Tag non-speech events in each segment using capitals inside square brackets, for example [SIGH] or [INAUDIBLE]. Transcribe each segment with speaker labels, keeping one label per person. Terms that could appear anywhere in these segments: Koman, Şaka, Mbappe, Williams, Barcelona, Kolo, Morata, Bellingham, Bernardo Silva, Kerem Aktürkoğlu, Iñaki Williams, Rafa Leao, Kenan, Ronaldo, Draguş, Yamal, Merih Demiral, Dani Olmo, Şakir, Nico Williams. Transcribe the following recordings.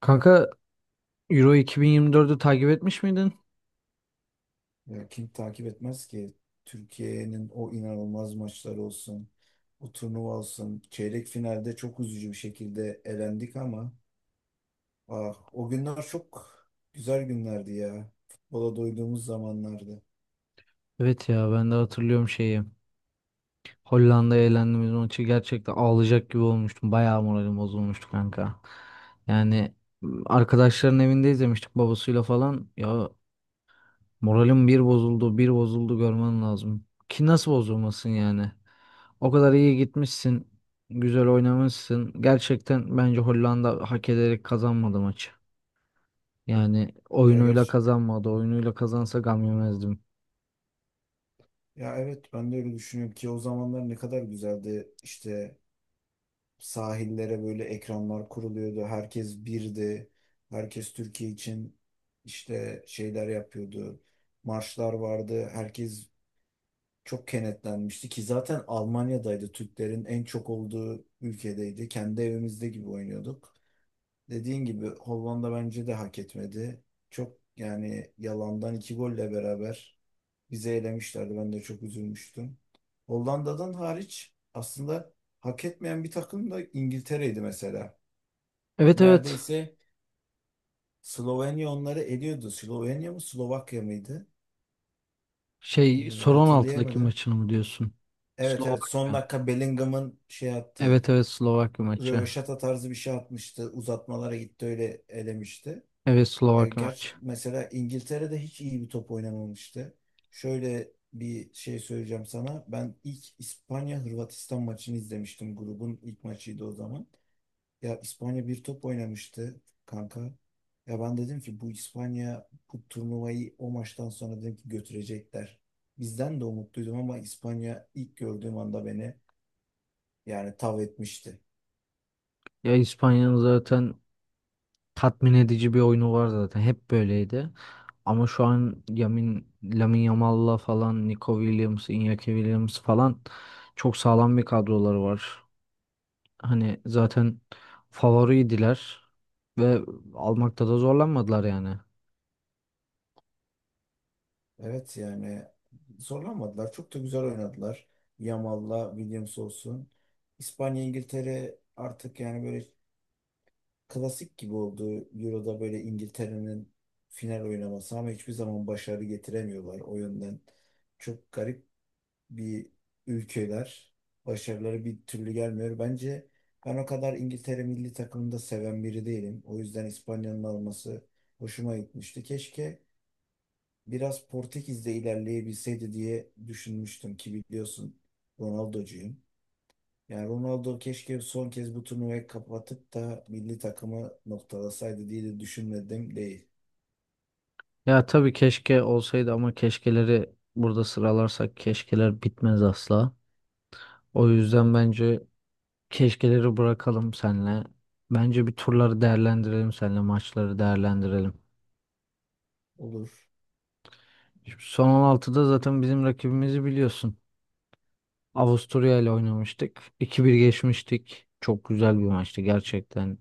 Speaker 1: Kanka, Euro 2024'ü takip etmiş miydin?
Speaker 2: Ya kim takip etmez ki? Türkiye'nin o inanılmaz maçları olsun, o turnuva olsun. Çeyrek finalde çok üzücü bir şekilde elendik ama o günler çok güzel günlerdi ya. Futbola doyduğumuz zamanlardı.
Speaker 1: Evet ya ben de hatırlıyorum şeyi. Hollanda'ya elendiğimiz maçı gerçekten ağlayacak gibi olmuştum. Bayağı moralim bozulmuştu kanka. Yani arkadaşların evinde izlemiştik babasıyla falan. Ya moralim bir bozuldu bir bozuldu, görmen lazım. Ki nasıl bozulmasın yani? O kadar iyi gitmişsin. Güzel oynamışsın. Gerçekten bence Hollanda hak ederek kazanmadı maçı. Yani
Speaker 2: Ya
Speaker 1: oyunuyla
Speaker 2: gerçi
Speaker 1: kazanmadı. Oyunuyla kazansa gam yemezdim.
Speaker 2: ya evet ben de öyle düşünüyorum ki o zamanlar ne kadar güzeldi. İşte sahillere böyle ekranlar kuruluyordu. Herkes birdi. Herkes Türkiye için işte şeyler yapıyordu, marşlar vardı. Herkes çok kenetlenmişti ki zaten Almanya'daydı. Türklerin en çok olduğu ülkedeydi. Kendi evimizde gibi oynuyorduk. Dediğin gibi Hollanda bence de hak etmedi. Çok yani yalandan iki golle beraber bizi elemişlerdi. Ben de çok üzülmüştüm. Hollanda'dan hariç aslında hak etmeyen bir takım da İngiltere'ydi mesela.
Speaker 1: Evet, evet.
Speaker 2: Neredeyse Slovenya onları eliyordu. Slovenya mı Slovakya mıydı?
Speaker 1: Şey,
Speaker 2: Ee,
Speaker 1: son 16'daki
Speaker 2: hatırlayamadım.
Speaker 1: maçını mı diyorsun?
Speaker 2: Evet, evet, son
Speaker 1: Slovakya.
Speaker 2: dakika Bellingham'ın şey
Speaker 1: Evet,
Speaker 2: yaptı,
Speaker 1: evet, Slovakya maçı.
Speaker 2: röveşata tarzı bir şey atmıştı. Uzatmalara gitti, öyle elemişti.
Speaker 1: Evet,
Speaker 2: Ya
Speaker 1: Slovakya
Speaker 2: gerçi
Speaker 1: maçı.
Speaker 2: mesela İngiltere'de hiç iyi bir top oynamamıştı. Şöyle bir şey söyleyeceğim sana. Ben ilk İspanya-Hırvatistan maçını izlemiştim. Grubun ilk maçıydı o zaman. Ya İspanya bir top oynamıştı kanka. Ya ben dedim ki bu İspanya bu turnuvayı, o maçtan sonra dedim ki götürecekler. Bizden de umutluydum ama İspanya ilk gördüğüm anda beni yani tav etmişti.
Speaker 1: Ya İspanya'nın zaten tatmin edici bir oyunu var zaten. Hep böyleydi. Ama şu an Lamine Yamal'la falan, Nico Williams, Iñaki Williams falan çok sağlam bir kadroları var. Hani zaten favoriydiler ve almakta da zorlanmadılar yani.
Speaker 2: Evet yani zorlanmadılar. Çok da güzel oynadılar. Yamal'la Williams olsun. İspanya, İngiltere artık yani böyle klasik gibi oldu. Euro'da böyle İngiltere'nin final oynaması ama hiçbir zaman başarı getiremiyorlar o yönden. Çok garip bir ülkeler. Başarıları bir türlü gelmiyor. Bence ben o kadar İngiltere milli takımını da seven biri değilim. O yüzden İspanya'nın alması hoşuma gitmişti. Keşke biraz Portekiz'de ilerleyebilseydi diye düşünmüştüm ki biliyorsun Ronaldo'cuyum. Yani Ronaldo keşke son kez bu turnuvayı kapatıp da milli takımı noktalasaydı diye de düşünmedim değil.
Speaker 1: Ya tabii, keşke olsaydı ama keşkeleri burada sıralarsak keşkeler bitmez asla. O yüzden bence keşkeleri bırakalım senle. Bence bir turları değerlendirelim senle, maçları değerlendirelim.
Speaker 2: Olur.
Speaker 1: Şimdi son 16'da zaten bizim rakibimizi biliyorsun. Avusturya ile oynamıştık. 2 bir geçmiştik. Çok güzel bir maçtı gerçekten.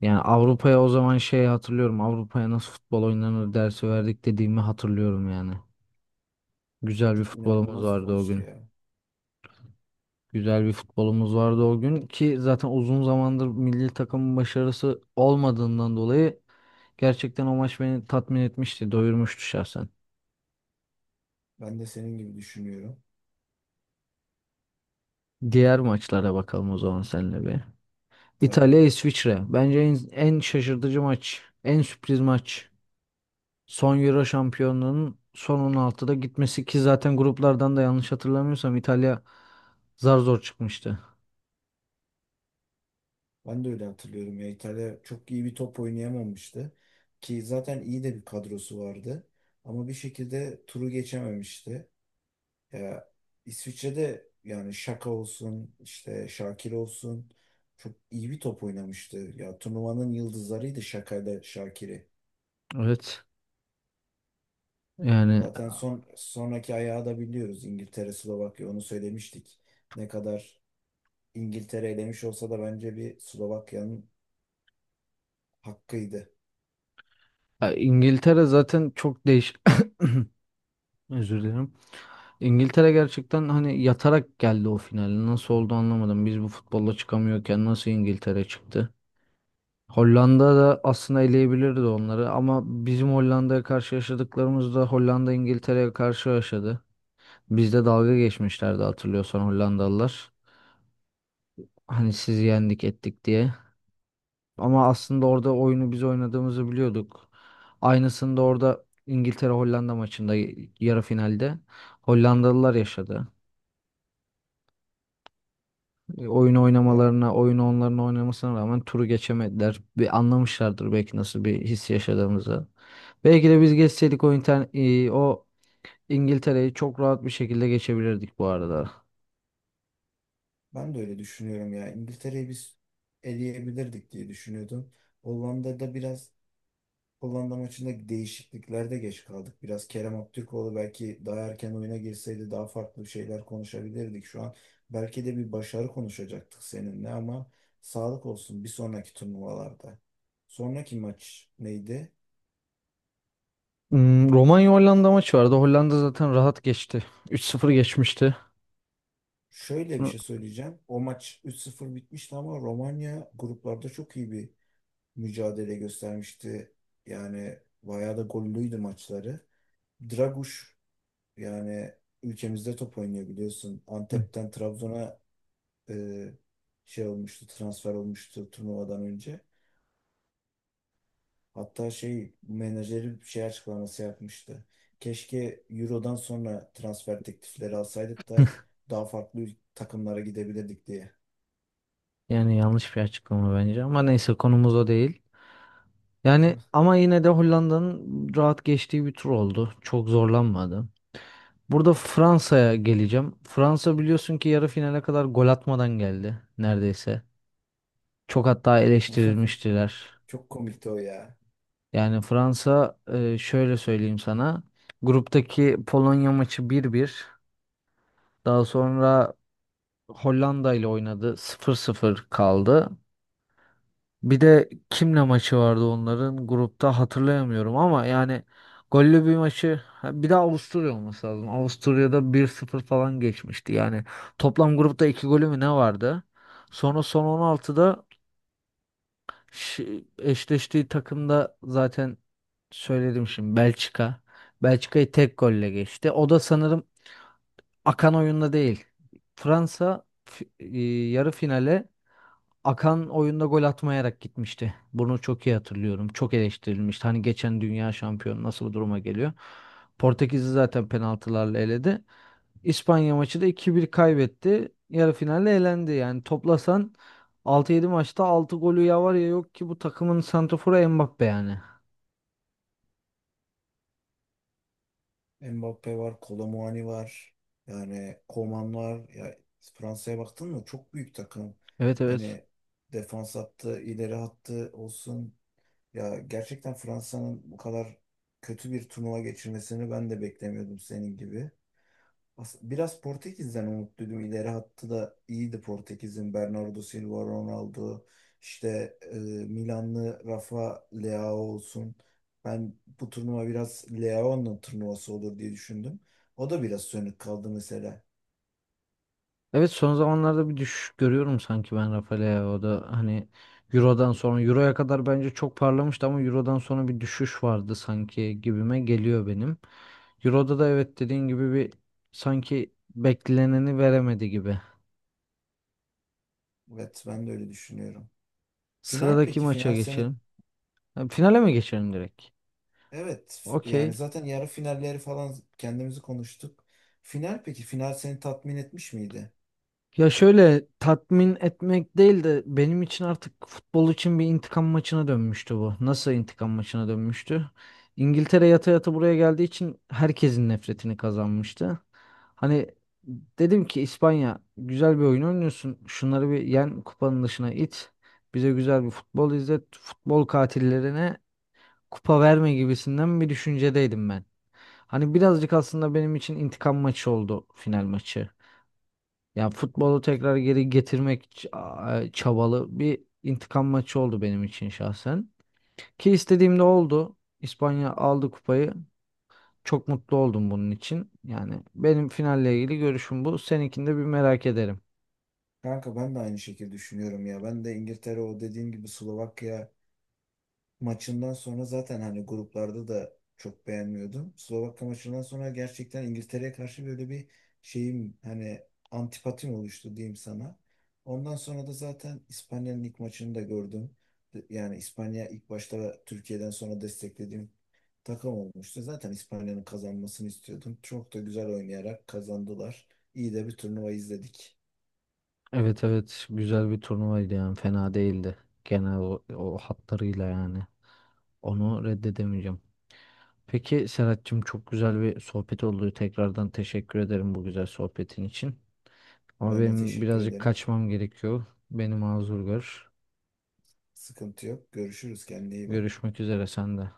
Speaker 1: Yani Avrupa'ya o zaman şey hatırlıyorum. Avrupa'ya nasıl futbol oynanır dersi verdik dediğimi hatırlıyorum yani. Güzel bir
Speaker 2: Çok
Speaker 1: futbolumuz
Speaker 2: inanılmaz bir
Speaker 1: vardı o
Speaker 2: maçtı
Speaker 1: gün.
Speaker 2: ya.
Speaker 1: Güzel bir futbolumuz vardı o gün ki zaten uzun zamandır milli takımın başarısı olmadığından dolayı gerçekten o maç beni tatmin etmişti, doyurmuştu şahsen.
Speaker 2: Ben de senin gibi düşünüyorum.
Speaker 1: Diğer maçlara bakalım o zaman seninle bir. İtalya
Speaker 2: Tabii.
Speaker 1: İsviçre. Bence en şaşırtıcı maç, en sürpriz maç. Son Euro şampiyonluğunun son 16'da gitmesi ki zaten gruplardan da yanlış hatırlamıyorsam İtalya zar zor çıkmıştı.
Speaker 2: Ben de öyle hatırlıyorum ya. İtalya çok iyi bir top oynayamamıştı. Ki zaten iyi de bir kadrosu vardı. Ama bir şekilde turu geçememişti. Ya İsviçre'de yani Şaka olsun, işte Şakir olsun, çok iyi bir top oynamıştı. Ya turnuvanın yıldızlarıydı Şaka'yla Şakir'i.
Speaker 1: Evet. Yani,
Speaker 2: Zaten sonraki ayağı da biliyoruz. İngiltere, Slovakya, onu söylemiştik. Ne kadar İngiltere elemiş olsa da bence bir Slovakya'nın hakkıydı.
Speaker 1: İngiltere zaten çok değiş [COUGHS] özür dilerim. İngiltere gerçekten hani yatarak geldi o finale. Nasıl oldu anlamadım. Biz bu futbolla çıkamıyorken nasıl İngiltere çıktı? Hollanda da aslında eleyebilirdi onları ama bizim Hollanda'ya karşı yaşadıklarımız da Hollanda İngiltere'ye karşı yaşadı. Bizde dalga geçmişlerdi hatırlıyorsan Hollandalılar. Hani sizi yendik ettik diye. Ama
Speaker 2: Evet.
Speaker 1: aslında orada oyunu biz oynadığımızı biliyorduk. Aynısını da orada İngiltere Hollanda maçında yarı finalde Hollandalılar yaşadı. Oyun
Speaker 2: Ya
Speaker 1: oynamalarına, oyunu onların oynamasına rağmen turu geçemediler. Bir anlamışlardır belki nasıl bir his yaşadığımızı. Belki de biz geçseydik o İngiltere'yi çok rahat bir şekilde geçebilirdik bu arada.
Speaker 2: ben de öyle düşünüyorum ya. İngiltere'yi biz eleyebilirdik diye düşünüyordum. Hollanda'da biraz Hollanda maçında değişikliklerde geç kaldık. Biraz Kerem Aktürkoğlu belki daha erken oyuna girseydi daha farklı şeyler konuşabilirdik şu an. Belki de bir başarı konuşacaktık seninle ama sağlık olsun bir sonraki turnuvalarda. Sonraki maç neydi?
Speaker 1: Romanya-Hollanda maçı vardı. Hollanda zaten rahat geçti. 3-0 geçmişti.
Speaker 2: Şöyle bir
Speaker 1: Bunu-
Speaker 2: şey söyleyeceğim. O maç 3-0 bitmişti ama Romanya gruplarda çok iyi bir mücadele göstermişti. Yani bayağı da gollüydü maçları. Draguş yani ülkemizde top oynuyor biliyorsun.
Speaker 1: hı,
Speaker 2: Antep'ten Trabzon'a e, transfer olmuştu turnuvadan önce. Hatta şey menajeri bir şey açıklaması yapmıştı. Keşke Euro'dan sonra transfer teklifleri alsaydık da daha farklı takımlara gidebilirdik diye.
Speaker 1: Yani yanlış bir açıklama bence ama neyse konumuz o değil. Yani ama yine de Hollanda'nın rahat geçtiği bir tur oldu. Çok zorlanmadı. Burada Fransa'ya geleceğim. Fransa biliyorsun ki yarı finale kadar gol atmadan geldi neredeyse. Çok hatta
Speaker 2: [LAUGHS]
Speaker 1: eleştirilmiştiler.
Speaker 2: Çok komikti o ya.
Speaker 1: Yani Fransa, şöyle söyleyeyim sana. Gruptaki Polonya maçı 1-1. Daha sonra Hollanda ile oynadı, 0-0 kaldı. Bir de kimle maçı vardı onların grupta hatırlayamıyorum ama yani gollü bir maçı, ha, bir de Avusturya olması lazım. Avusturya'da 1-0 falan geçmişti. Yani toplam grupta 2 golü mü ne vardı? Sonra son 16'da eşleştiği takımda zaten söyledim şimdi, Belçika. Belçika'yı tek golle geçti. O da sanırım akan oyunda değil. Fransa yarı finale akan oyunda gol atmayarak gitmişti. Bunu çok iyi hatırlıyorum. Çok eleştirilmişti. Hani geçen dünya şampiyonu nasıl bu duruma geliyor? Portekiz'i zaten penaltılarla eledi. İspanya maçı da 2-1 kaybetti. Yarı finalde elendi. Yani toplasan altı yedi maçta altı golü ya var ya yok ki bu takımın santraforu Mbappe yani.
Speaker 2: Mbappe var, Kolo var. Yani Koman var. Ya Fransa'ya baktın mı, çok büyük takım.
Speaker 1: Evet, evet.
Speaker 2: Hani defans hattı, ileri hattı olsun, ya gerçekten Fransa'nın bu kadar kötü bir turnuva geçirmesini ben de beklemiyordum senin gibi. Biraz Portekiz'den umutluydum. İleri hattı da iyiydi Portekiz'in. Bernardo Silva, Ronaldo, işte Milanlı Rafa Leao olsun. Ben bu turnuva biraz Leao'nun turnuvası olur diye düşündüm. O da biraz sönük kaldı mesela.
Speaker 1: Evet, son zamanlarda bir düşüş görüyorum sanki ben Rafael'e, o da hani Euro'dan sonra Euro'ya kadar bence çok parlamıştı ama Euro'dan sonra bir düşüş vardı sanki, gibime geliyor benim. Euro'da da evet, dediğin gibi bir sanki bekleneni veremedi gibi.
Speaker 2: Evet, ben de öyle düşünüyorum. Final
Speaker 1: Sıradaki
Speaker 2: peki?
Speaker 1: maça
Speaker 2: Final seni
Speaker 1: geçelim. Ha, finale mi geçelim direkt?
Speaker 2: Evet yani
Speaker 1: Okey.
Speaker 2: zaten yarı finalleri falan kendimizi konuştuk. Final peki, final seni tatmin etmiş miydi?
Speaker 1: Ya şöyle, tatmin etmek değil de benim için artık futbol için bir intikam maçına dönmüştü bu. Nasıl intikam maçına dönmüştü? İngiltere yata yata buraya geldiği için herkesin nefretini kazanmıştı. Hani dedim ki İspanya, güzel bir oyun oynuyorsun. Şunları bir yen, kupanın dışına it. Bize güzel bir futbol izlet. Futbol katillerine kupa verme gibisinden bir düşüncedeydim ben. Hani birazcık aslında benim için intikam maçı oldu final maçı. Yani futbolu tekrar geri getirmek çabalı bir intikam maçı oldu benim için şahsen. Ki istediğim de oldu. İspanya aldı kupayı. Çok mutlu oldum bunun için. Yani benim finalle ilgili görüşüm bu. Seninkini de bir merak ederim.
Speaker 2: Kanka ben de aynı şekilde düşünüyorum ya. Ben de İngiltere o dediğim gibi Slovakya maçından sonra zaten hani gruplarda da çok beğenmiyordum. Slovakya maçından sonra gerçekten İngiltere'ye karşı böyle bir şeyim hani antipatim oluştu diyeyim sana. Ondan sonra da zaten İspanya'nın ilk maçını da gördüm. Yani İspanya ilk başta Türkiye'den sonra desteklediğim takım olmuştu. Zaten İspanya'nın kazanmasını istiyordum. Çok da güzel oynayarak kazandılar. İyi de bir turnuva izledik.
Speaker 1: Evet, evet, güzel bir turnuvaydı yani, fena değildi. Genel o hatlarıyla yani. Onu reddedemeyeceğim. Peki Serhat'cığım, çok güzel bir sohbet oldu. Tekrardan teşekkür ederim bu güzel sohbetin için. Ama
Speaker 2: Ben de
Speaker 1: benim
Speaker 2: teşekkür
Speaker 1: birazcık
Speaker 2: ederim.
Speaker 1: kaçmam gerekiyor. Beni mazur gör.
Speaker 2: Sıkıntı yok. Görüşürüz. Kendine iyi bak.
Speaker 1: Görüşmek üzere sende.